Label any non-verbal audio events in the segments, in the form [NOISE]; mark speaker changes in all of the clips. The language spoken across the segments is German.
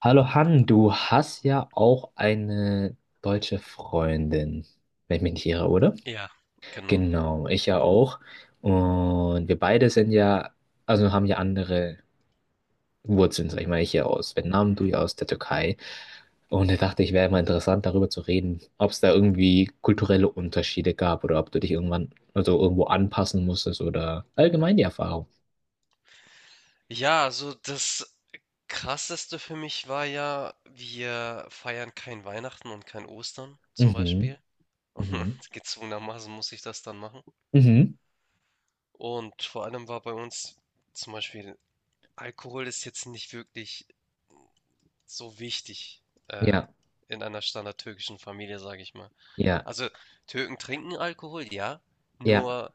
Speaker 1: Hallo Han, du hast ja auch eine deutsche Freundin, wenn ich mich nicht irre, oder?
Speaker 2: Ja, genau.
Speaker 1: Genau, ich ja auch. Und wir beide sind ja, also haben ja andere Wurzeln, sag ich mal, ich ja aus Vietnam, du
Speaker 2: Mhm.
Speaker 1: ja aus der Türkei. Und ich dachte, ich wäre mal interessant, darüber zu reden, ob es da irgendwie kulturelle Unterschiede gab oder ob du dich irgendwann, also irgendwo anpassen musstest oder allgemein die Erfahrung.
Speaker 2: Ja, also das Krasseste für mich war ja, wir feiern kein Weihnachten und kein Ostern zum
Speaker 1: Mhm,
Speaker 2: Beispiel. [LAUGHS] Und
Speaker 1: mhm,
Speaker 2: gezwungenermaßen muss ich das dann machen.
Speaker 1: mhm,
Speaker 2: Und vor allem war bei uns zum Beispiel, Alkohol ist jetzt nicht wirklich so wichtig äh,
Speaker 1: ja,
Speaker 2: in einer standardtürkischen Familie, sage ich mal.
Speaker 1: ja,
Speaker 2: Also Türken trinken Alkohol, ja,
Speaker 1: ja,
Speaker 2: nur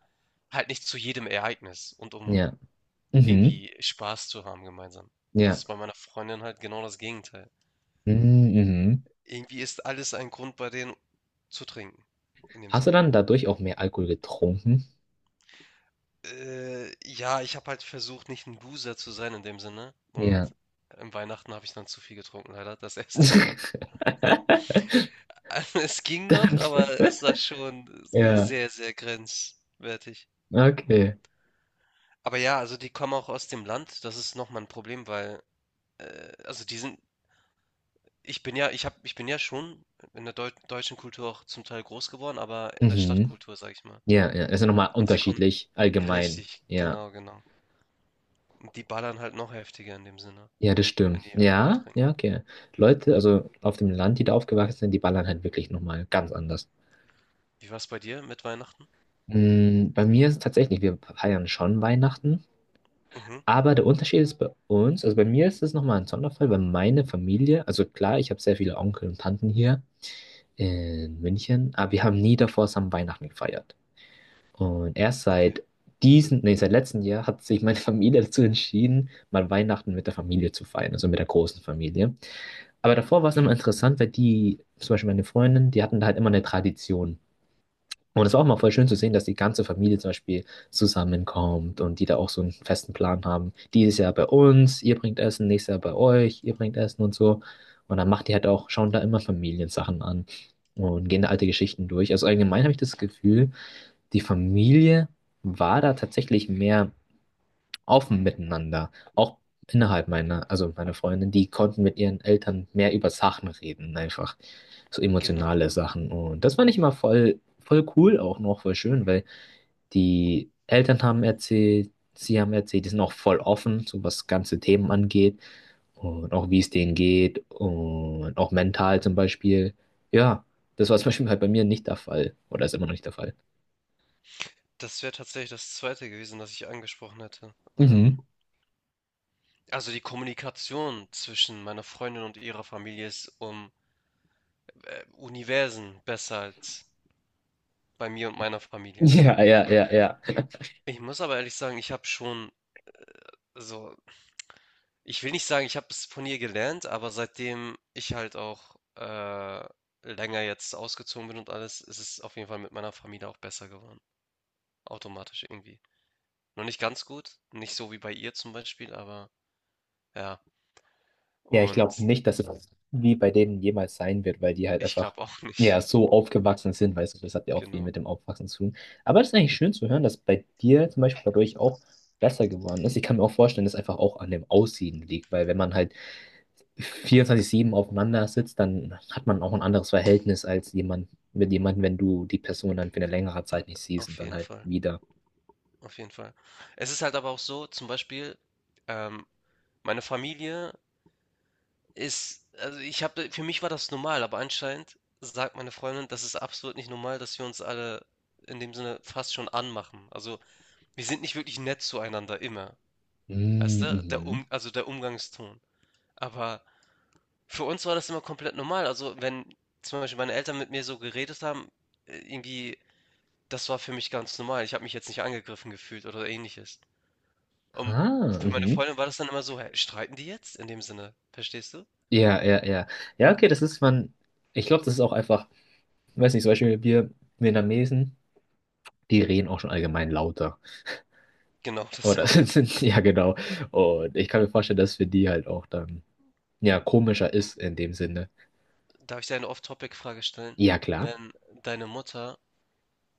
Speaker 2: halt nicht zu jedem Ereignis und um
Speaker 1: ja, mhm,
Speaker 2: irgendwie Spaß zu haben gemeinsam. Und das
Speaker 1: ja.
Speaker 2: ist bei meiner Freundin halt genau das Gegenteil.
Speaker 1: Mhm. Mhm.
Speaker 2: Irgendwie ist alles ein Grund bei denen zu trinken, in dem
Speaker 1: Hast du
Speaker 2: Sinne.
Speaker 1: dann dadurch auch mehr Alkohol getrunken?
Speaker 2: Ja, ich habe halt versucht, nicht ein Loser zu sein in dem Sinne. Und
Speaker 1: Ja.
Speaker 2: im Weihnachten habe ich dann zu viel getrunken, leider, das erste Mal. [LAUGHS]
Speaker 1: [LAUGHS]
Speaker 2: Also, es ging noch,
Speaker 1: Dann,
Speaker 2: aber es war schon
Speaker 1: ja,
Speaker 2: sehr, sehr grenzwertig.
Speaker 1: okay.
Speaker 2: Aber ja, also die kommen auch aus dem Land, das ist nochmal ein Problem, weil, also die sind Ich bin ja schon in der deutschen Kultur auch zum Teil groß geworden, aber in der
Speaker 1: Mhm.
Speaker 2: Stadtkultur, sag ich mal.
Speaker 1: Ja, ja, ist ja nochmal
Speaker 2: Und sie kommen
Speaker 1: unterschiedlich, allgemein.
Speaker 2: richtig,
Speaker 1: Ja,
Speaker 2: genau, genau. Und die ballern halt noch heftiger in dem Sinne,
Speaker 1: ja, das
Speaker 2: wenn
Speaker 1: stimmt.
Speaker 2: die Alkohol
Speaker 1: Ja,
Speaker 2: trinken.
Speaker 1: ja, okay. Leute, also auf dem Land, die da aufgewachsen sind, die ballern halt wirklich nochmal ganz anders.
Speaker 2: Wie war es bei dir mit Weihnachten?
Speaker 1: Mm, bei mir ist es tatsächlich, wir feiern schon Weihnachten,
Speaker 2: Mhm,
Speaker 1: aber der Unterschied ist bei uns, also bei mir ist es nochmal ein Sonderfall, weil meine Familie, also klar, ich habe sehr viele Onkel und Tanten hier, in München, aber wir haben nie davor zusammen Weihnachten gefeiert. Und erst
Speaker 2: okay,
Speaker 1: seit diesem, nee, seit letztem Jahr hat sich meine [LAUGHS] Familie dazu entschieden, mal Weihnachten mit der Familie zu feiern, also mit der großen Familie. Aber davor war es immer interessant, weil die, zum Beispiel meine Freundin, die hatten da halt immer eine Tradition. Und es war auch mal voll schön zu sehen, dass die ganze Familie zum Beispiel zusammenkommt und die da auch so einen festen Plan haben. Dieses Jahr bei uns, ihr bringt Essen, nächstes Jahr bei euch, ihr bringt Essen und so. Und dann macht die halt auch, schauen da immer Familiensachen an und gehen da alte Geschichten durch. Also allgemein habe ich das Gefühl, die Familie war da tatsächlich mehr offen miteinander. Auch innerhalb meiner, also meiner Freundin, die konnten mit ihren Eltern mehr über Sachen reden, einfach so
Speaker 2: genau.
Speaker 1: emotionale Sachen. Und das fand ich immer voll, voll cool, auch noch voll schön, weil die Eltern haben erzählt, sie haben erzählt, die sind auch voll offen, so was ganze Themen angeht und auch wie es denen geht und auch mental zum Beispiel. Ja, das war zum Beispiel halt bei mir nicht der Fall oder ist immer noch nicht der Fall.
Speaker 2: Das wäre tatsächlich das Zweite gewesen, das ich angesprochen hätte.
Speaker 1: Mhm. [LAUGHS]
Speaker 2: Also die Kommunikation zwischen meiner Freundin und ihrer Familie ist um Universen besser als bei mir und meiner Familie.
Speaker 1: Ja, ja, ja, ja.
Speaker 2: Ich muss aber ehrlich sagen, ich habe schon so Ich will nicht sagen, ich habe es von ihr gelernt, aber seitdem ich halt auch länger jetzt ausgezogen bin und alles, ist es auf jeden Fall mit meiner Familie auch besser geworden. Automatisch irgendwie. Noch nicht ganz gut, nicht so wie bei ihr zum Beispiel, aber ja.
Speaker 1: Ja, ich
Speaker 2: Und
Speaker 1: glaube nicht, dass es wie bei denen jemals sein wird, weil die halt
Speaker 2: ich
Speaker 1: einfach,
Speaker 2: glaube auch [LAUGHS] nicht.
Speaker 1: ja, so aufgewachsen sind, weißt du, das hat ja auch viel
Speaker 2: Genau,
Speaker 1: mit dem Aufwachsen zu tun. Aber es ist eigentlich schön zu hören, dass bei dir zum Beispiel dadurch auch besser geworden ist. Ich kann mir auch vorstellen, dass es einfach auch an dem Aussehen liegt, weil wenn man halt 24/7 aufeinander sitzt, dann hat man auch ein anderes Verhältnis als jemand mit jemandem, wenn du die Person dann für eine längere Zeit nicht siehst und
Speaker 2: auf
Speaker 1: dann
Speaker 2: jeden
Speaker 1: halt
Speaker 2: Fall.
Speaker 1: wieder.
Speaker 2: Auf jeden Fall. Es ist halt aber auch so, zum Beispiel, ähm, meine Familie ist also, ich habe für mich war das normal, aber anscheinend sagt meine Freundin, das ist absolut nicht normal, dass wir uns alle in dem Sinne fast schon anmachen. Also, wir sind nicht wirklich nett zueinander immer, weißt
Speaker 1: Mm.
Speaker 2: du? Der
Speaker 1: Mhm.
Speaker 2: Um also der Umgangston. Aber für uns war das immer komplett normal. Also, wenn zum Beispiel meine Eltern mit mir so geredet haben, irgendwie, das war für mich ganz normal. Ich habe mich jetzt nicht angegriffen gefühlt oder Ähnliches. Und
Speaker 1: Ah,
Speaker 2: für meine
Speaker 1: mhm.
Speaker 2: Freundin war das dann immer so, hä, streiten die jetzt? In dem Sinne, verstehst du?
Speaker 1: Ja, ja, ja. Ja, okay, das ist man. Ich glaube, das ist auch einfach. Weiß nicht, zum Beispiel wir Vietnamesen, die reden auch schon allgemein lauter.
Speaker 2: Genau, [LAUGHS] das
Speaker 1: Oder [LAUGHS]
Speaker 2: auch.
Speaker 1: ja, genau. Und ich kann mir vorstellen, dass für die halt auch dann, ja, komischer ist in dem Sinne.
Speaker 2: Darf ich dir eine Off-Topic-Frage stellen?
Speaker 1: Ja, klar.
Speaker 2: Wenn deine Mutter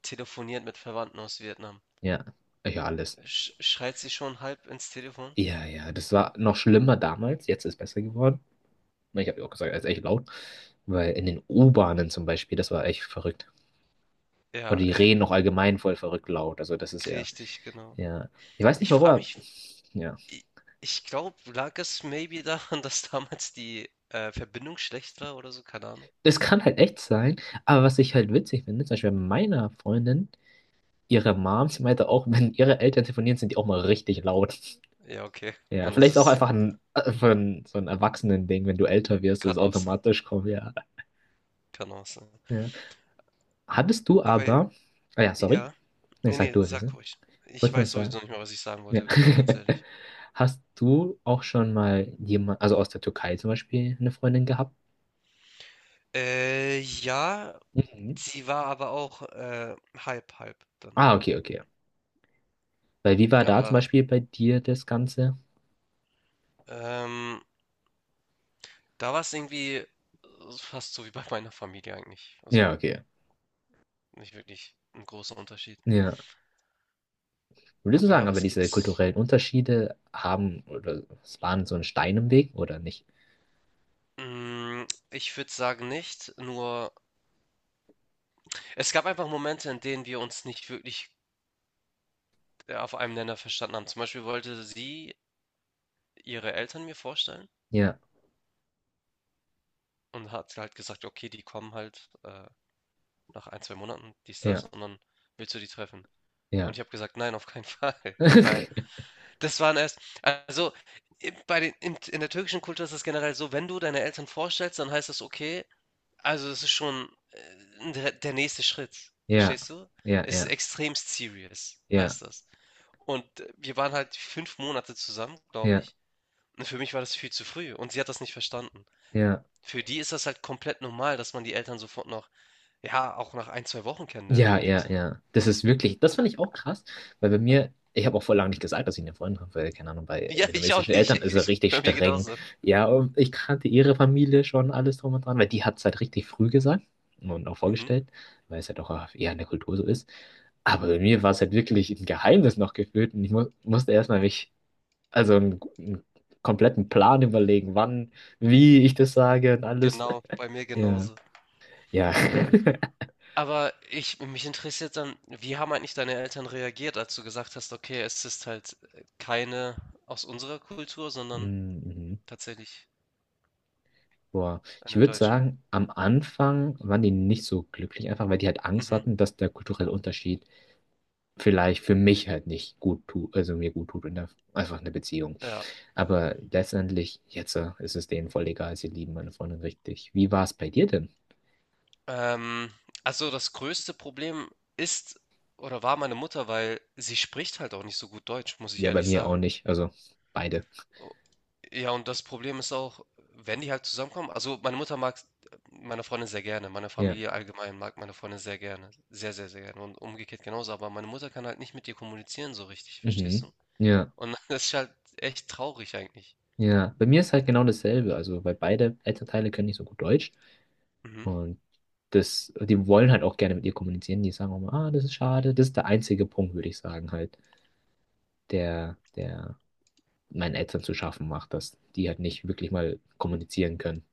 Speaker 2: telefoniert mit Verwandten aus Vietnam,
Speaker 1: Ja, ja, alles.
Speaker 2: schreit sie schon halb ins Telefon?
Speaker 1: Ja, ja, das war noch schlimmer damals. Jetzt ist besser geworden. Ich habe ja auch gesagt, es ist echt laut. Weil in den U-Bahnen zum Beispiel, das war echt verrückt. Oder
Speaker 2: Ja,
Speaker 1: die reden noch allgemein voll verrückt laut. Also das ist ja,
Speaker 2: richtig, genau.
Speaker 1: ja. Ich weiß nicht
Speaker 2: Ich
Speaker 1: warum,
Speaker 2: frage
Speaker 1: aber,
Speaker 2: mich,
Speaker 1: ja.
Speaker 2: i- ich glaube, lag es maybe daran, [LAUGHS] dass damals die Verbindung schlecht war oder so? Keine Ahnung.
Speaker 1: Das kann halt echt sein, aber was ich halt witzig finde, zum Beispiel bei meiner Freundin, ihre Mom, sie meinte auch, wenn ihre Eltern telefonieren, sind die auch mal richtig laut. [LAUGHS]
Speaker 2: Ja, okay,
Speaker 1: Ja,
Speaker 2: dann ist
Speaker 1: vielleicht ist auch
Speaker 2: es,
Speaker 1: einfach so ein Erwachsenen-Ding, wenn du älter wirst, das ist
Speaker 2: kann auch sein,
Speaker 1: automatisch kommt, ja.
Speaker 2: kann auch sein.
Speaker 1: Ja. Hattest du
Speaker 2: Aber
Speaker 1: aber, ah ja, sorry,
Speaker 2: ja,
Speaker 1: nee,
Speaker 2: nee,
Speaker 1: sag
Speaker 2: nee,
Speaker 1: du es jetzt,
Speaker 2: sag
Speaker 1: ne?
Speaker 2: ruhig. Ich
Speaker 1: Wollte nur
Speaker 2: weiß
Speaker 1: sagen,
Speaker 2: sowieso nicht mehr, was ich sagen
Speaker 1: ja.
Speaker 2: wollte, bin ganz
Speaker 1: [LAUGHS]
Speaker 2: ehrlich.
Speaker 1: Hast du auch schon mal jemand, also aus der Türkei zum Beispiel, eine Freundin gehabt?
Speaker 2: Ja,
Speaker 1: Mhm.
Speaker 2: sie war aber auch, halb halb dann.
Speaker 1: Ah, okay, okay. Weil wie war da zum
Speaker 2: Aber,
Speaker 1: Beispiel bei dir das Ganze?
Speaker 2: ähm, da war es irgendwie, fast so wie bei meiner Familie eigentlich.
Speaker 1: Ja,
Speaker 2: Also,
Speaker 1: okay.
Speaker 2: nicht wirklich ein großer Unterschied.
Speaker 1: Ja. Würdest du
Speaker 2: Aber
Speaker 1: sagen,
Speaker 2: ja,
Speaker 1: aber
Speaker 2: was
Speaker 1: diese
Speaker 2: gibt's?
Speaker 1: kulturellen Unterschiede haben oder es waren so ein Stein im Weg oder nicht?
Speaker 2: Ich würde sagen nicht, nur es gab einfach Momente, in denen wir uns nicht wirklich, auf einem Nenner verstanden haben. Zum Beispiel wollte sie ihre Eltern mir vorstellen
Speaker 1: Ja,
Speaker 2: und hat halt gesagt: „Okay, die kommen halt, nach 1, 2 Monaten, dies, das
Speaker 1: ja,
Speaker 2: und dann willst du die treffen?" Und
Speaker 1: ja.
Speaker 2: ich habe gesagt, nein, auf keinen Fall, [LAUGHS] weil
Speaker 1: [LAUGHS]
Speaker 2: das waren erst, also bei den, in der türkischen Kultur ist es generell so, wenn du deine Eltern vorstellst, dann heißt das okay, also das ist schon der nächste Schritt, verstehst
Speaker 1: Ja,
Speaker 2: du?
Speaker 1: ja,
Speaker 2: Es ist
Speaker 1: ja,
Speaker 2: extrem serious,
Speaker 1: ja,
Speaker 2: heißt das. Und wir waren halt 5 Monate zusammen, glaube
Speaker 1: ja,
Speaker 2: ich. Und für mich war das viel zu früh und sie hat das nicht verstanden.
Speaker 1: ja.
Speaker 2: Für die ist das halt komplett normal, dass man die Eltern sofort noch, ja, auch nach 1, 2 Wochen kennenlernt,
Speaker 1: Ja,
Speaker 2: in dem
Speaker 1: ja,
Speaker 2: Sinne. [LAUGHS]
Speaker 1: ja. Das ist wirklich, das fand ich auch krass, weil bei mir, ich habe auch vor lange nicht gesagt, dass ich eine Freundin habe, weil, keine Ahnung, bei
Speaker 2: Ja, ich auch
Speaker 1: vietnamesischen
Speaker 2: nicht.
Speaker 1: Eltern ist
Speaker 2: [LAUGHS]
Speaker 1: er richtig
Speaker 2: Bei mir
Speaker 1: streng.
Speaker 2: genauso.
Speaker 1: Ja, und ich kannte ihre Familie schon alles drum und dran, weil die hat es halt richtig früh gesagt und auch
Speaker 2: Mhm.
Speaker 1: vorgestellt, weil es halt auch eher in der Kultur so ist. Aber bei mir war es halt wirklich ein Geheimnis noch gefühlt und ich mu musste erstmal mich, also einen kompletten Plan überlegen, wann, wie ich das sage und alles. [LAUGHS]
Speaker 2: Genau, bei mir
Speaker 1: Ja,
Speaker 2: genauso.
Speaker 1: ja. [LAUGHS]
Speaker 2: Aber ich mich interessiert dann, wie haben eigentlich deine Eltern reagiert, als du gesagt hast, okay, es ist halt keine aus unserer Kultur, sondern
Speaker 1: Mhm.
Speaker 2: tatsächlich
Speaker 1: Boah, ich
Speaker 2: eine
Speaker 1: würde
Speaker 2: deutsche.
Speaker 1: sagen, am Anfang waren die nicht so glücklich, einfach weil die halt Angst
Speaker 2: Mhm,
Speaker 1: hatten, dass der kulturelle Unterschied vielleicht für mich halt nicht gut tut, also mir gut tut in der, einfach eine Beziehung.
Speaker 2: ja.
Speaker 1: Aber letztendlich, jetzt ist es denen voll egal, sie lieben meine Freundin richtig. Wie war es bei dir denn?
Speaker 2: Ähm, also das größte Problem ist oder war meine Mutter, weil sie spricht halt auch nicht so gut Deutsch, muss ich
Speaker 1: Ja, bei
Speaker 2: ehrlich
Speaker 1: mir
Speaker 2: sagen.
Speaker 1: auch nicht, also beide.
Speaker 2: Ja, und das Problem ist auch, wenn die halt zusammenkommen, also meine Mutter mag meine Freundin sehr gerne, meine
Speaker 1: Ja,
Speaker 2: Familie allgemein mag meine Freundin sehr gerne, sehr, sehr, sehr gerne und umgekehrt genauso, aber meine Mutter kann halt nicht mit ihr kommunizieren so richtig, verstehst
Speaker 1: mhm.
Speaker 2: du?
Speaker 1: Ja,
Speaker 2: Und [LAUGHS] das ist halt echt traurig eigentlich.
Speaker 1: ja. Bei mir ist halt genau dasselbe, also weil beide Elternteile können nicht so gut Deutsch.
Speaker 2: Mhm.
Speaker 1: Und das, die wollen halt auch gerne mit ihr kommunizieren. Die sagen auch mal, ah, das ist schade. Das ist der einzige Punkt, würde ich sagen, halt, der meinen Eltern zu schaffen macht, dass die halt nicht wirklich mal kommunizieren können.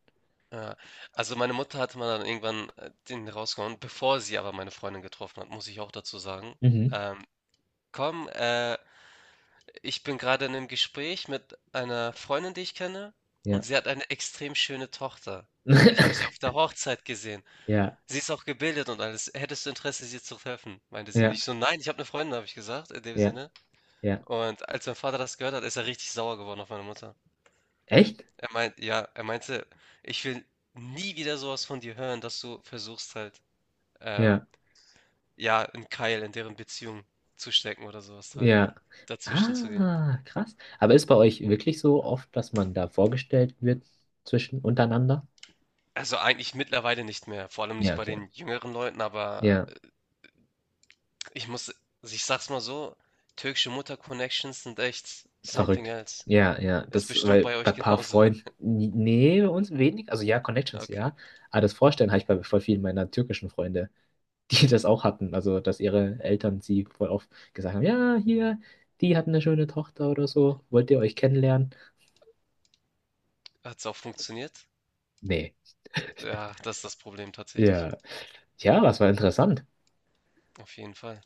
Speaker 2: Ja. Also meine Mutter hatte mal dann irgendwann den rausgehauen, bevor sie aber meine Freundin getroffen hat, muss ich auch dazu sagen.
Speaker 1: Mhm.
Speaker 2: Ähm, komm. Ich bin gerade in einem Gespräch mit einer Freundin, die ich kenne, und
Speaker 1: Ja.
Speaker 2: sie hat eine extrem schöne Tochter. Ich habe sie auf
Speaker 1: [LAUGHS]
Speaker 2: der Hochzeit gesehen.
Speaker 1: Ja,
Speaker 2: Sie ist auch gebildet und alles. „Hättest du Interesse, sie zu treffen?", meinte sie.
Speaker 1: ja,
Speaker 2: Ich so: „Nein, ich habe eine Freundin", habe ich gesagt in dem
Speaker 1: ja,
Speaker 2: Sinne.
Speaker 1: ja.
Speaker 2: Und als mein Vater das gehört hat, ist er richtig sauer geworden auf meine Mutter.
Speaker 1: Echt?
Speaker 2: Er meint ja, er meinte: „Ich will nie wieder sowas von dir hören, dass du versuchst halt, ähm,
Speaker 1: Ja,
Speaker 2: ja, 'n Keil in deren Beziehung zu stecken oder sowas halt,
Speaker 1: ja.
Speaker 2: dazwischen zu gehen."
Speaker 1: Ah, krass. Aber ist bei euch wirklich so oft, dass man da vorgestellt wird zwischen untereinander?
Speaker 2: Also eigentlich mittlerweile nicht mehr, vor allem nicht
Speaker 1: Ja,
Speaker 2: bei
Speaker 1: okay.
Speaker 2: den jüngeren Leuten, aber
Speaker 1: Ja.
Speaker 2: ich muss, also, ich sag's mal so, türkische Mutter-Connections sind echt something
Speaker 1: Verrückt.
Speaker 2: else.
Speaker 1: Ja, ja,
Speaker 2: Ist
Speaker 1: das,
Speaker 2: bestimmt
Speaker 1: weil
Speaker 2: bei
Speaker 1: bei
Speaker 2: euch
Speaker 1: ein paar
Speaker 2: genauso.
Speaker 1: Freunden,
Speaker 2: [LAUGHS]
Speaker 1: nee, bei uns wenig, also ja, Connections,
Speaker 2: Okay.
Speaker 1: ja, aber das Vorstellen habe ich bei voll vielen meiner türkischen Freunde, [LAUGHS] die das auch hatten, also dass ihre Eltern sie voll oft gesagt haben, ja, hier, die hatten eine schöne Tochter oder so, wollt ihr euch kennenlernen?
Speaker 2: Hat's auch funktioniert?
Speaker 1: Nee.
Speaker 2: Ja, das ist das Problem tatsächlich.
Speaker 1: Ja, ja, das war interessant.
Speaker 2: Auf jeden Fall.